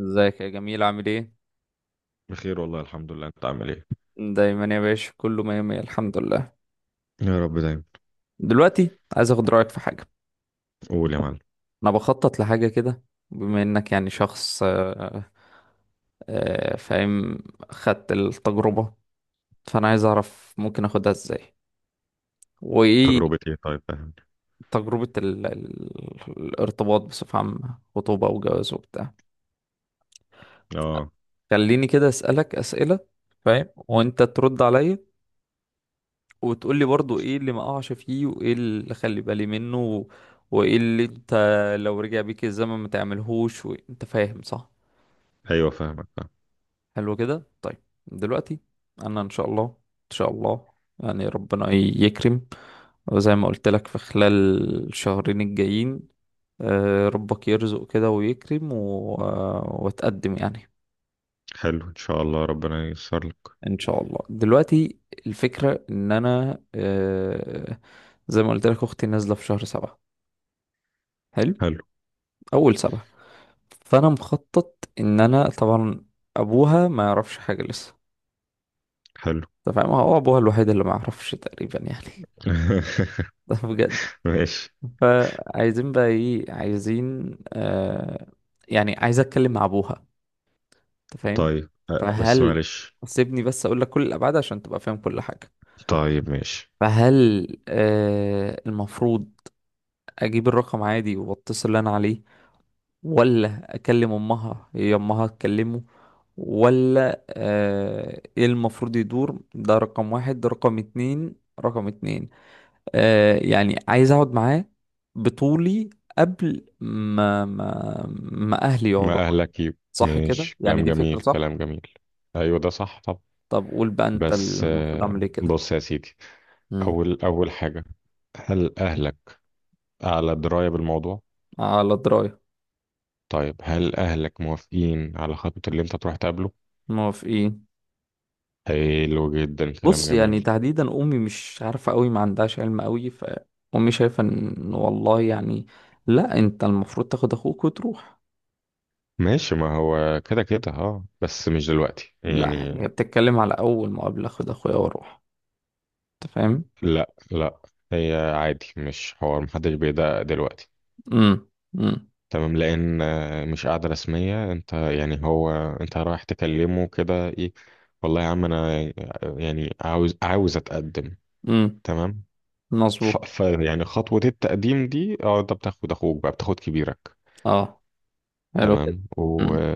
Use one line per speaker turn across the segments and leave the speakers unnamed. ازيك يا جميل؟ عامل ايه؟
بخير، والله الحمد لله. انت عامل ايه؟
دايما يا باشا، كله مية مية الحمد لله.
يا رب دايما.
دلوقتي عايز اخد رأيك في حاجة.
قول يا معلم.
انا بخطط لحاجة كده. بما انك يعني شخص فاهم، خدت التجربة. فانا عايز اعرف ممكن اخدها ازاي وايه.
تجربة ايه؟ طيب فاهمني.
تجربة الارتباط بصفة عامة، خطوبة وجواز وبتاع.
اه،
خليني كده اسألك اسئلة، فاهم، وانت ترد عليا وتقول لي برضو ايه اللي ما اقعش فيه وايه اللي اخلي بالي منه وايه اللي انت لو رجع بيك الزمن ما تعملهوش، وانت فاهم صح؟
ايوه فاهمك فاهم.
حلو كده طيب. دلوقتي انا ان شاء الله ان شاء الله يعني ربنا يكرم، وزي ما قلت لك في خلال الشهرين الجايين ربك يرزق كده ويكرم و... آه، واتقدم يعني.
حلو ان شاء الله، ربنا ييسر لك.
ان شاء الله. دلوقتي الفكرة ان انا زي ما قلت لك اختي نازلة في شهر 7، حلو،
حلو.
اول 7. فانا مخطط ان انا طبعا، ابوها ما يعرفش حاجة لسه.
حلو.
انت فاهم، هو ابوها الوحيد اللي ما يعرفش تقريبا يعني. ده بجد.
ماشي.
فعايزين بقى ايه، عايزين يعني عايز اتكلم مع ابوها، انت فاهم.
طيب بس
فهل،
معلش.
سيبني بس اقول لك كل الابعاد عشان تبقى فاهم كل حاجة.
طيب ماشي.
فهل المفروض اجيب الرقم عادي واتصل اللي انا عليه، ولا اكلم امها هي امها تكلمه، ولا ايه المفروض يدور. ده رقم 1، ده رقم 2، يعني عايز اقعد معاه بطولي قبل ما ما اهلي يقعدوا.
ما اهلك يب.
صح كده؟
ماشي.
يعني
كلام
دي
جميل
فكرة صح؟
كلام جميل. ايوه، ده صح. طب
طب قول بقى انت
بس
المفروض اعمل ايه كده.
بص يا سيدي.
مم.
اول اول حاجة، هل اهلك على دراية بالموضوع؟
على دراية.
طيب هل اهلك موافقين على خطوة اللي انت تروح تقابله؟
موافقين.
حلو جدا. كلام
بص، يعني
جميل.
تحديدا امي مش عارفه قوي، ما عندهاش علم قوي، فامي شايفه ان والله يعني لا انت المفروض تاخد اخوك وتروح.
ماشي، ما هو كده كده. اه، بس مش دلوقتي
لا،
يعني.
هي بتتكلم على اول مقابله اخد اخويا واروح، انت فاهم.
لا، لا. هي عادي، مش حوار، محدش بيدقق دلوقتي.
امم. امم.
تمام لان مش قاعدة رسمية. انت يعني هو، انت رايح تكلمه كده ايه؟ والله يا عم انا يعني عاوز اتقدم.
امم
تمام. ف
مظبوط.
ف يعني خطوة التقديم دي، اه، انت بتاخد اخوك، بقى بتاخد كبيرك.
اه، حلو كده.
تمام، و
امم.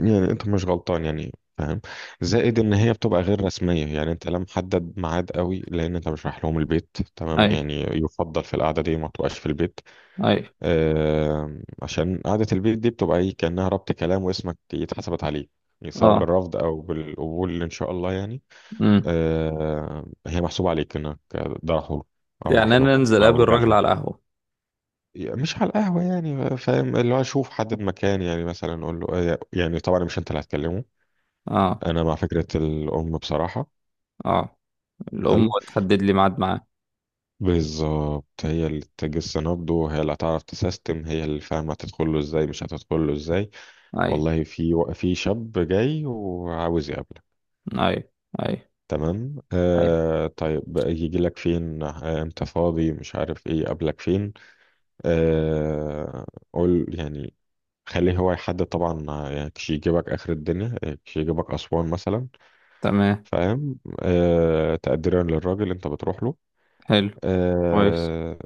يعني انت مش غلطان، يعني، فاهم؟ زائد ان هي بتبقى غير رسميه، يعني انت لا محدد ميعاد قوي لان انت مش رايح لهم البيت. تمام،
ايوه.
يعني يفضل في القعده دي ما تبقاش في البيت.
ايوه.
عشان قعده البيت دي بتبقى ايه كانها ربط كلام، واسمك اتحسبت عليه. يعني سواء
اه.
بالرفض او بالقبول، ان شاء الله يعني.
امم.
هي محسوب عليك انك ده راح له، او راح
يعني
له،
انا انزل اقابل
او
الراجل
جالها.
على القهوه.
مش على القهوة يعني، فاهم؟ اللي هو أشوف حد بمكان، يعني مثلا أقول له يعني طبعا مش أنت اللي هتكلمه.
اه.
أنا مع فكرة الأم بصراحة.
اه. الام
حلو.
تحدد لي ميعاد معاه.
بالظبط، هي اللي تجس نبضه، هي اللي هتعرف تسيستم، هي اللي فاهمة هتدخل له إزاي مش هتدخل له إزاي.
ايوه.
والله في في شاب جاي وعاوز يقابلك.
ايوه. ايوه.
تمام.
ايوه.
طيب يجي لك فين؟ امتى فاضي، مش عارف ايه، قابلك فين. آه قول يعني، خليه هو يحدد طبعا. يعني كش يجيبك اخر الدنيا، كش يجيبك اسوان مثلا.
تمام.
فاهم؟ تقديرا للراجل انت بتروح له.
حلو. كويس.
آه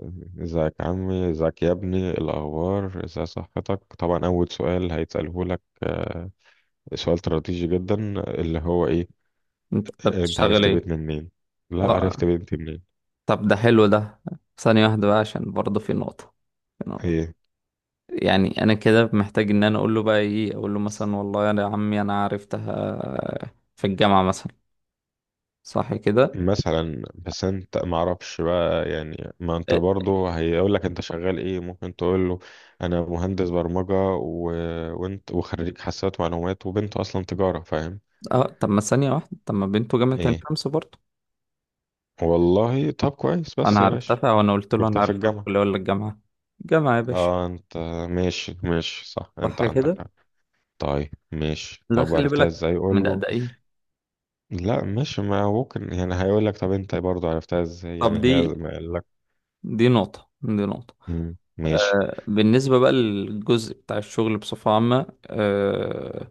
ازيك يا عمي، ازيك يا ابني، إيه الاخبار، ازاي صحتك. طبعا اول سؤال هيتساله لك، سؤال استراتيجي جدا، اللي هو ايه؟
انت
انت
بتشتغل
عرفت
ايه؟
بيتنا منين؟ لا، عرفت
اه،
بنتي منين؟
طب ده حلو ده. ثانية واحدة بقى، عشان برضه في نقطة، في نقطة
هي.
يعني أنا كده محتاج إن أنا أقول له بقى إيه. أقول له مثلا والله يا عمي أنا عرفتها في الجامعة مثلا، صح كده؟
مثلا بس انت ما اعرفش بقى يعني، ما انت
إيه.
برضه هيقول لك انت شغال ايه، ممكن تقول له انا مهندس برمجة و... وانت، وخريج حاسبات معلومات، وبنته اصلا تجارة. فاهم؟
اه. طب ما ثانية واحدة، طب ما بنته جامعة عين
ايه.
شمس برضه.
والله طب كويس
أنا
بس يا باشا.
عرفتها وأنا قلت له أنا
شفتها في
عرفتها في
الجامعة.
الكلية ولا الجامعة؟ جامعة يا باشا.
اه انت. ماشي ماشي، صح،
صح
انت عندك
كده.
حق. طيب ماشي.
لا
طب
خلي
عرفتها
بالك
ازاي؟
من
قول له.
الأدائين.
لا ماشي، ما ممكن يعني هيقول لك طب انت برضه عرفتها ازاي،
طب
يعني هي
دي،
ما قال لك.
دي نقطة.
مم، ماشي.
بالنسبة بقى للجزء بتاع الشغل بصفة عامة،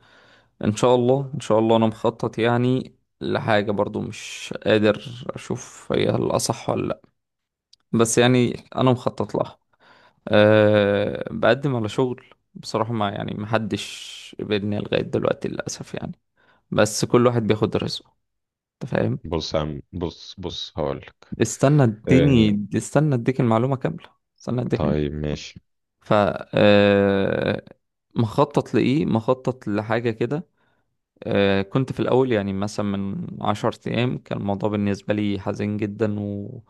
إن شاء الله إن شاء الله أنا مخطط يعني لحاجة، برضو مش قادر أشوف هي الأصح ولا لأ، بس يعني أنا مخطط لها. أه بقدم على شغل. بصراحة ما يعني محدش قبلني لغاية دلوقتي للأسف يعني، بس كل واحد بياخد رزقه، أنت فاهم.
بص يا عم، بص بص هقول.
استنى
آه.
اديني، استنى اديك المعلومة كاملة، استنى اديك.
طيب ماشي.
ف آه، مخطط لإيه؟ مخطط لحاجة كده. كنت في الأول يعني مثلا من 10 أيام، كان الموضوع بالنسبة لي حزين جدا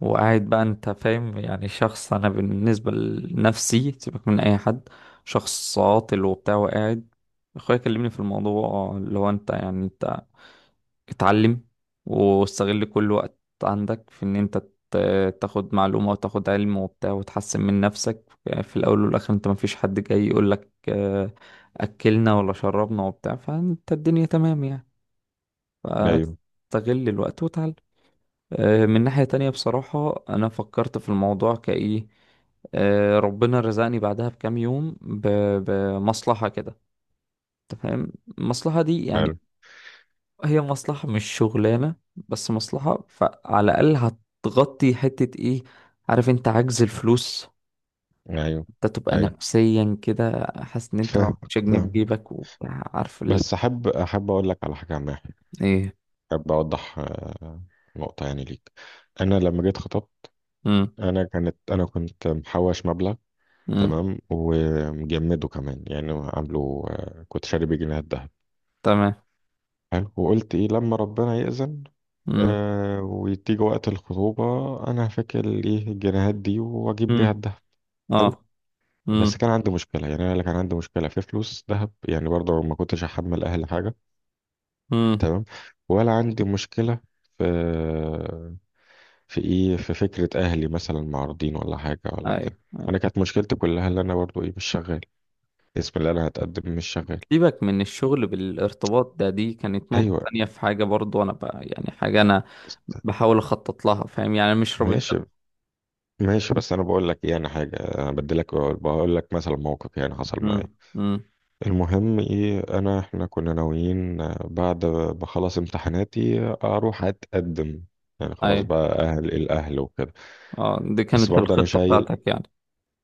وقاعد بقى، أنت فاهم، يعني شخص، أنا بالنسبة لنفسي سيبك من أي حد، شخص عاطل وبتاع وقاعد. أخويا كلمني في الموضوع اللي هو أنت، اتعلم واستغل كل وقت عندك في ان انت تاخد معلومة وتاخد علم وبتاع وتحسن من نفسك. في الاول والاخر انت مفيش حد جاي يقولك اكلنا ولا شربنا وبتاع، فانت الدنيا تمام يعني،
ايوه.
فاستغل الوقت وتعلم. من ناحية تانية بصراحة انا فكرت في الموضوع كايه. ربنا رزقني بعدها بكام يوم بمصلحة كده، انت فاهم. المصلحة دي
حلو.
يعني هي مصلحة مش شغلانة، بس مصلحة فعلى الأقل هتغطي حتة ايه، عارف، انت عجز الفلوس.
ايوه.
انت تبقى
ايوه.
نفسيا كده حاسس ان انت
فاهمك
مش جنيه في
فاهمك.
جيبك وبتاع، عارف.
بس احب اقول لك على حاجه عامه.
ايه.
احب اوضح نقطه يعني ليك. انا لما جيت خطبت،
مم.
انا كنت محوش مبلغ.
مم.
تمام، ومجمده كمان، يعني عامله كنت شاري بيه جنيهات دهب.
تمام.
حلو. وقلت ايه لما ربنا يأذن،
مم.
وتيجي وقت الخطوبه، انا هفكر ايه الجنيهات دي واجيب بيها
مم.
الدهب. حلو.
اه.
بس
مم.
كان عندي مشكلة، يعني أنا اللي كان عندي مشكلة في فلوس ذهب، يعني برضه ما كنتش أحمل أهلي حاجة.
مم.
تمام، ولا عندي مشكلة في في إيه، في فكرة أهلي مثلا معارضين ولا حاجة ولا
اي.
كده.
اي.
أنا كانت مشكلتي كلها اللي أنا برضه إيه، مش شغال. اسم اللي أنا هتقدم مش شغال.
سيبك من الشغل، بالارتباط ده دي كانت نقطة
أيوه.
تانية، في حاجة برضو انا بقى يعني، حاجة انا
است-
بحاول اخطط لها، فاهم يعني، مش رابط ده.
ماشي ماشي. بس أنا بقول لك إيه، أنا حاجة أنا بدي لك، بقول لك مثلا موقف يعني حصل
مم.
معايا.
مم.
المهم ايه، احنا كنا ناويين بعد ما اخلص امتحاناتي اروح اتقدم. يعني
اي.
خلاص بقى اهل الاهل وكده.
اه دي
بس
كانت
برضه انا
الخطة
شايل،
بتاعتك يعني.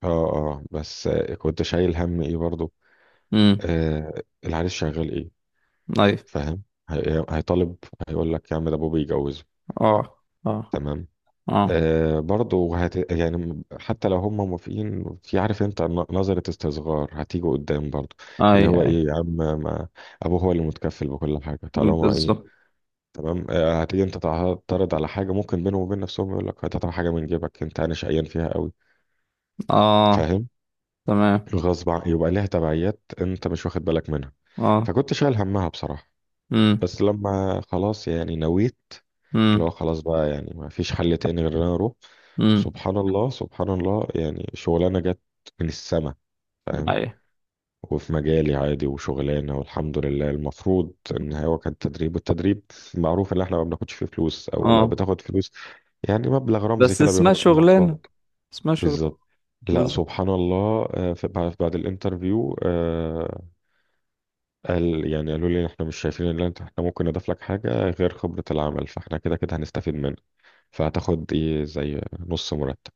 اه اه، بس كنت شايل هم ايه برضه.
امم.
العريس شغال ايه؟
اي.
فاهم؟ هيطالب، هيقول لك يا عم ده ابوه بيجوزه.
اه. اه.
تمام.
اه.
برضه يعني حتى لو هم موافقين، في عارف انت، نظرة استصغار هتيجي قدام برضه،
اي.
اللي هو
اي.
ايه يا عم، ما ابوه هو اللي متكفل بكل حاجة طالما ايه.
بالظبط.
تمام، هتيجي انت تعترض على حاجه ممكن بينهم وبين نفسهم يقول لك هتطلع حاجه من جيبك، انت انا شقيان فيها قوي.
اه.
فاهم؟
تمام.
غصب عن يبقى ليها تبعيات انت مش واخد بالك منها.
اه.
فكنت شايل همها بصراحه.
امم.
بس لما خلاص يعني نويت، اللي
امم.
هو خلاص بقى يعني ما فيش حل تاني غير ان انا اروح.
امم.
سبحان الله، سبحان الله، يعني شغلانه جت من السما. فاهم؟
اي.
وفي مجالي عادي، وشغلانة والحمد لله. المفروض ان هو كان تدريب، والتدريب معروف ان احنا ما بناخدش فيه فلوس، او لو
اه
بتاخد فلوس يعني مبلغ رمزي
بس
كده
اسمها
بيغطي
شغلانة،
المواصلات.
اسمها شغلانة.
بالظبط. لا،
بالظبط.
سبحان الله. بعد الانترفيو، يعني قالوا لي إن احنا مش شايفين ان احنا ممكن نضيف لك حاجة غير خبرة العمل، فاحنا كده كده هنستفيد منك، فهتاخد ايه زي نص مرتب.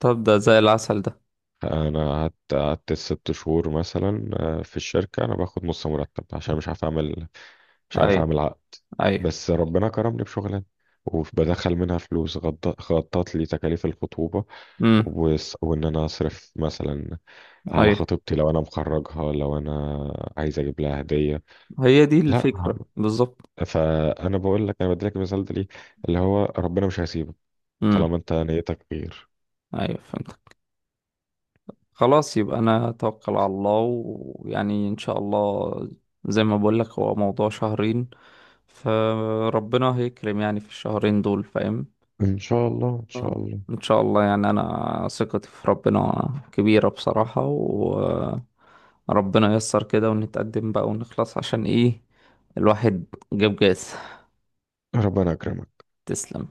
طب ده زي العسل ده.
انا قعدت 6 شهور مثلا في الشركه انا باخد نص مرتب، عشان مش
اي.
عارف اعمل عقد.
اي.
بس ربنا كرمني بشغلانه، وبدخل منها فلوس غطت لي تكاليف الخطوبه،
امم.
وان انا اصرف مثلا على
اي،
خطيبتي، لو انا مخرجها، لو انا عايز اجيب لها هديه.
هي دي
لا،
الفكرة بالظبط.
فانا بقول لك انا بديلك المثال ده ليه، اللي هو ربنا مش هيسيبك
امم.
طالما انت نيتك خير.
ايوه فهمتك. خلاص يبقى انا اتوكل على الله، ويعني ان شاء الله، زي ما بقول لك هو موضوع شهرين، فربنا هيكرم يعني في الشهرين دول، فاهم؟
ان شاء الله، ان شاء
آه،
الله.
ان شاء الله يعني، انا ثقتي في ربنا كبيرة بصراحة، وربنا ييسر كده ونتقدم بقى ونخلص، عشان ايه، الواحد جاب جاز.
ربنا يكرمك.
تسلم.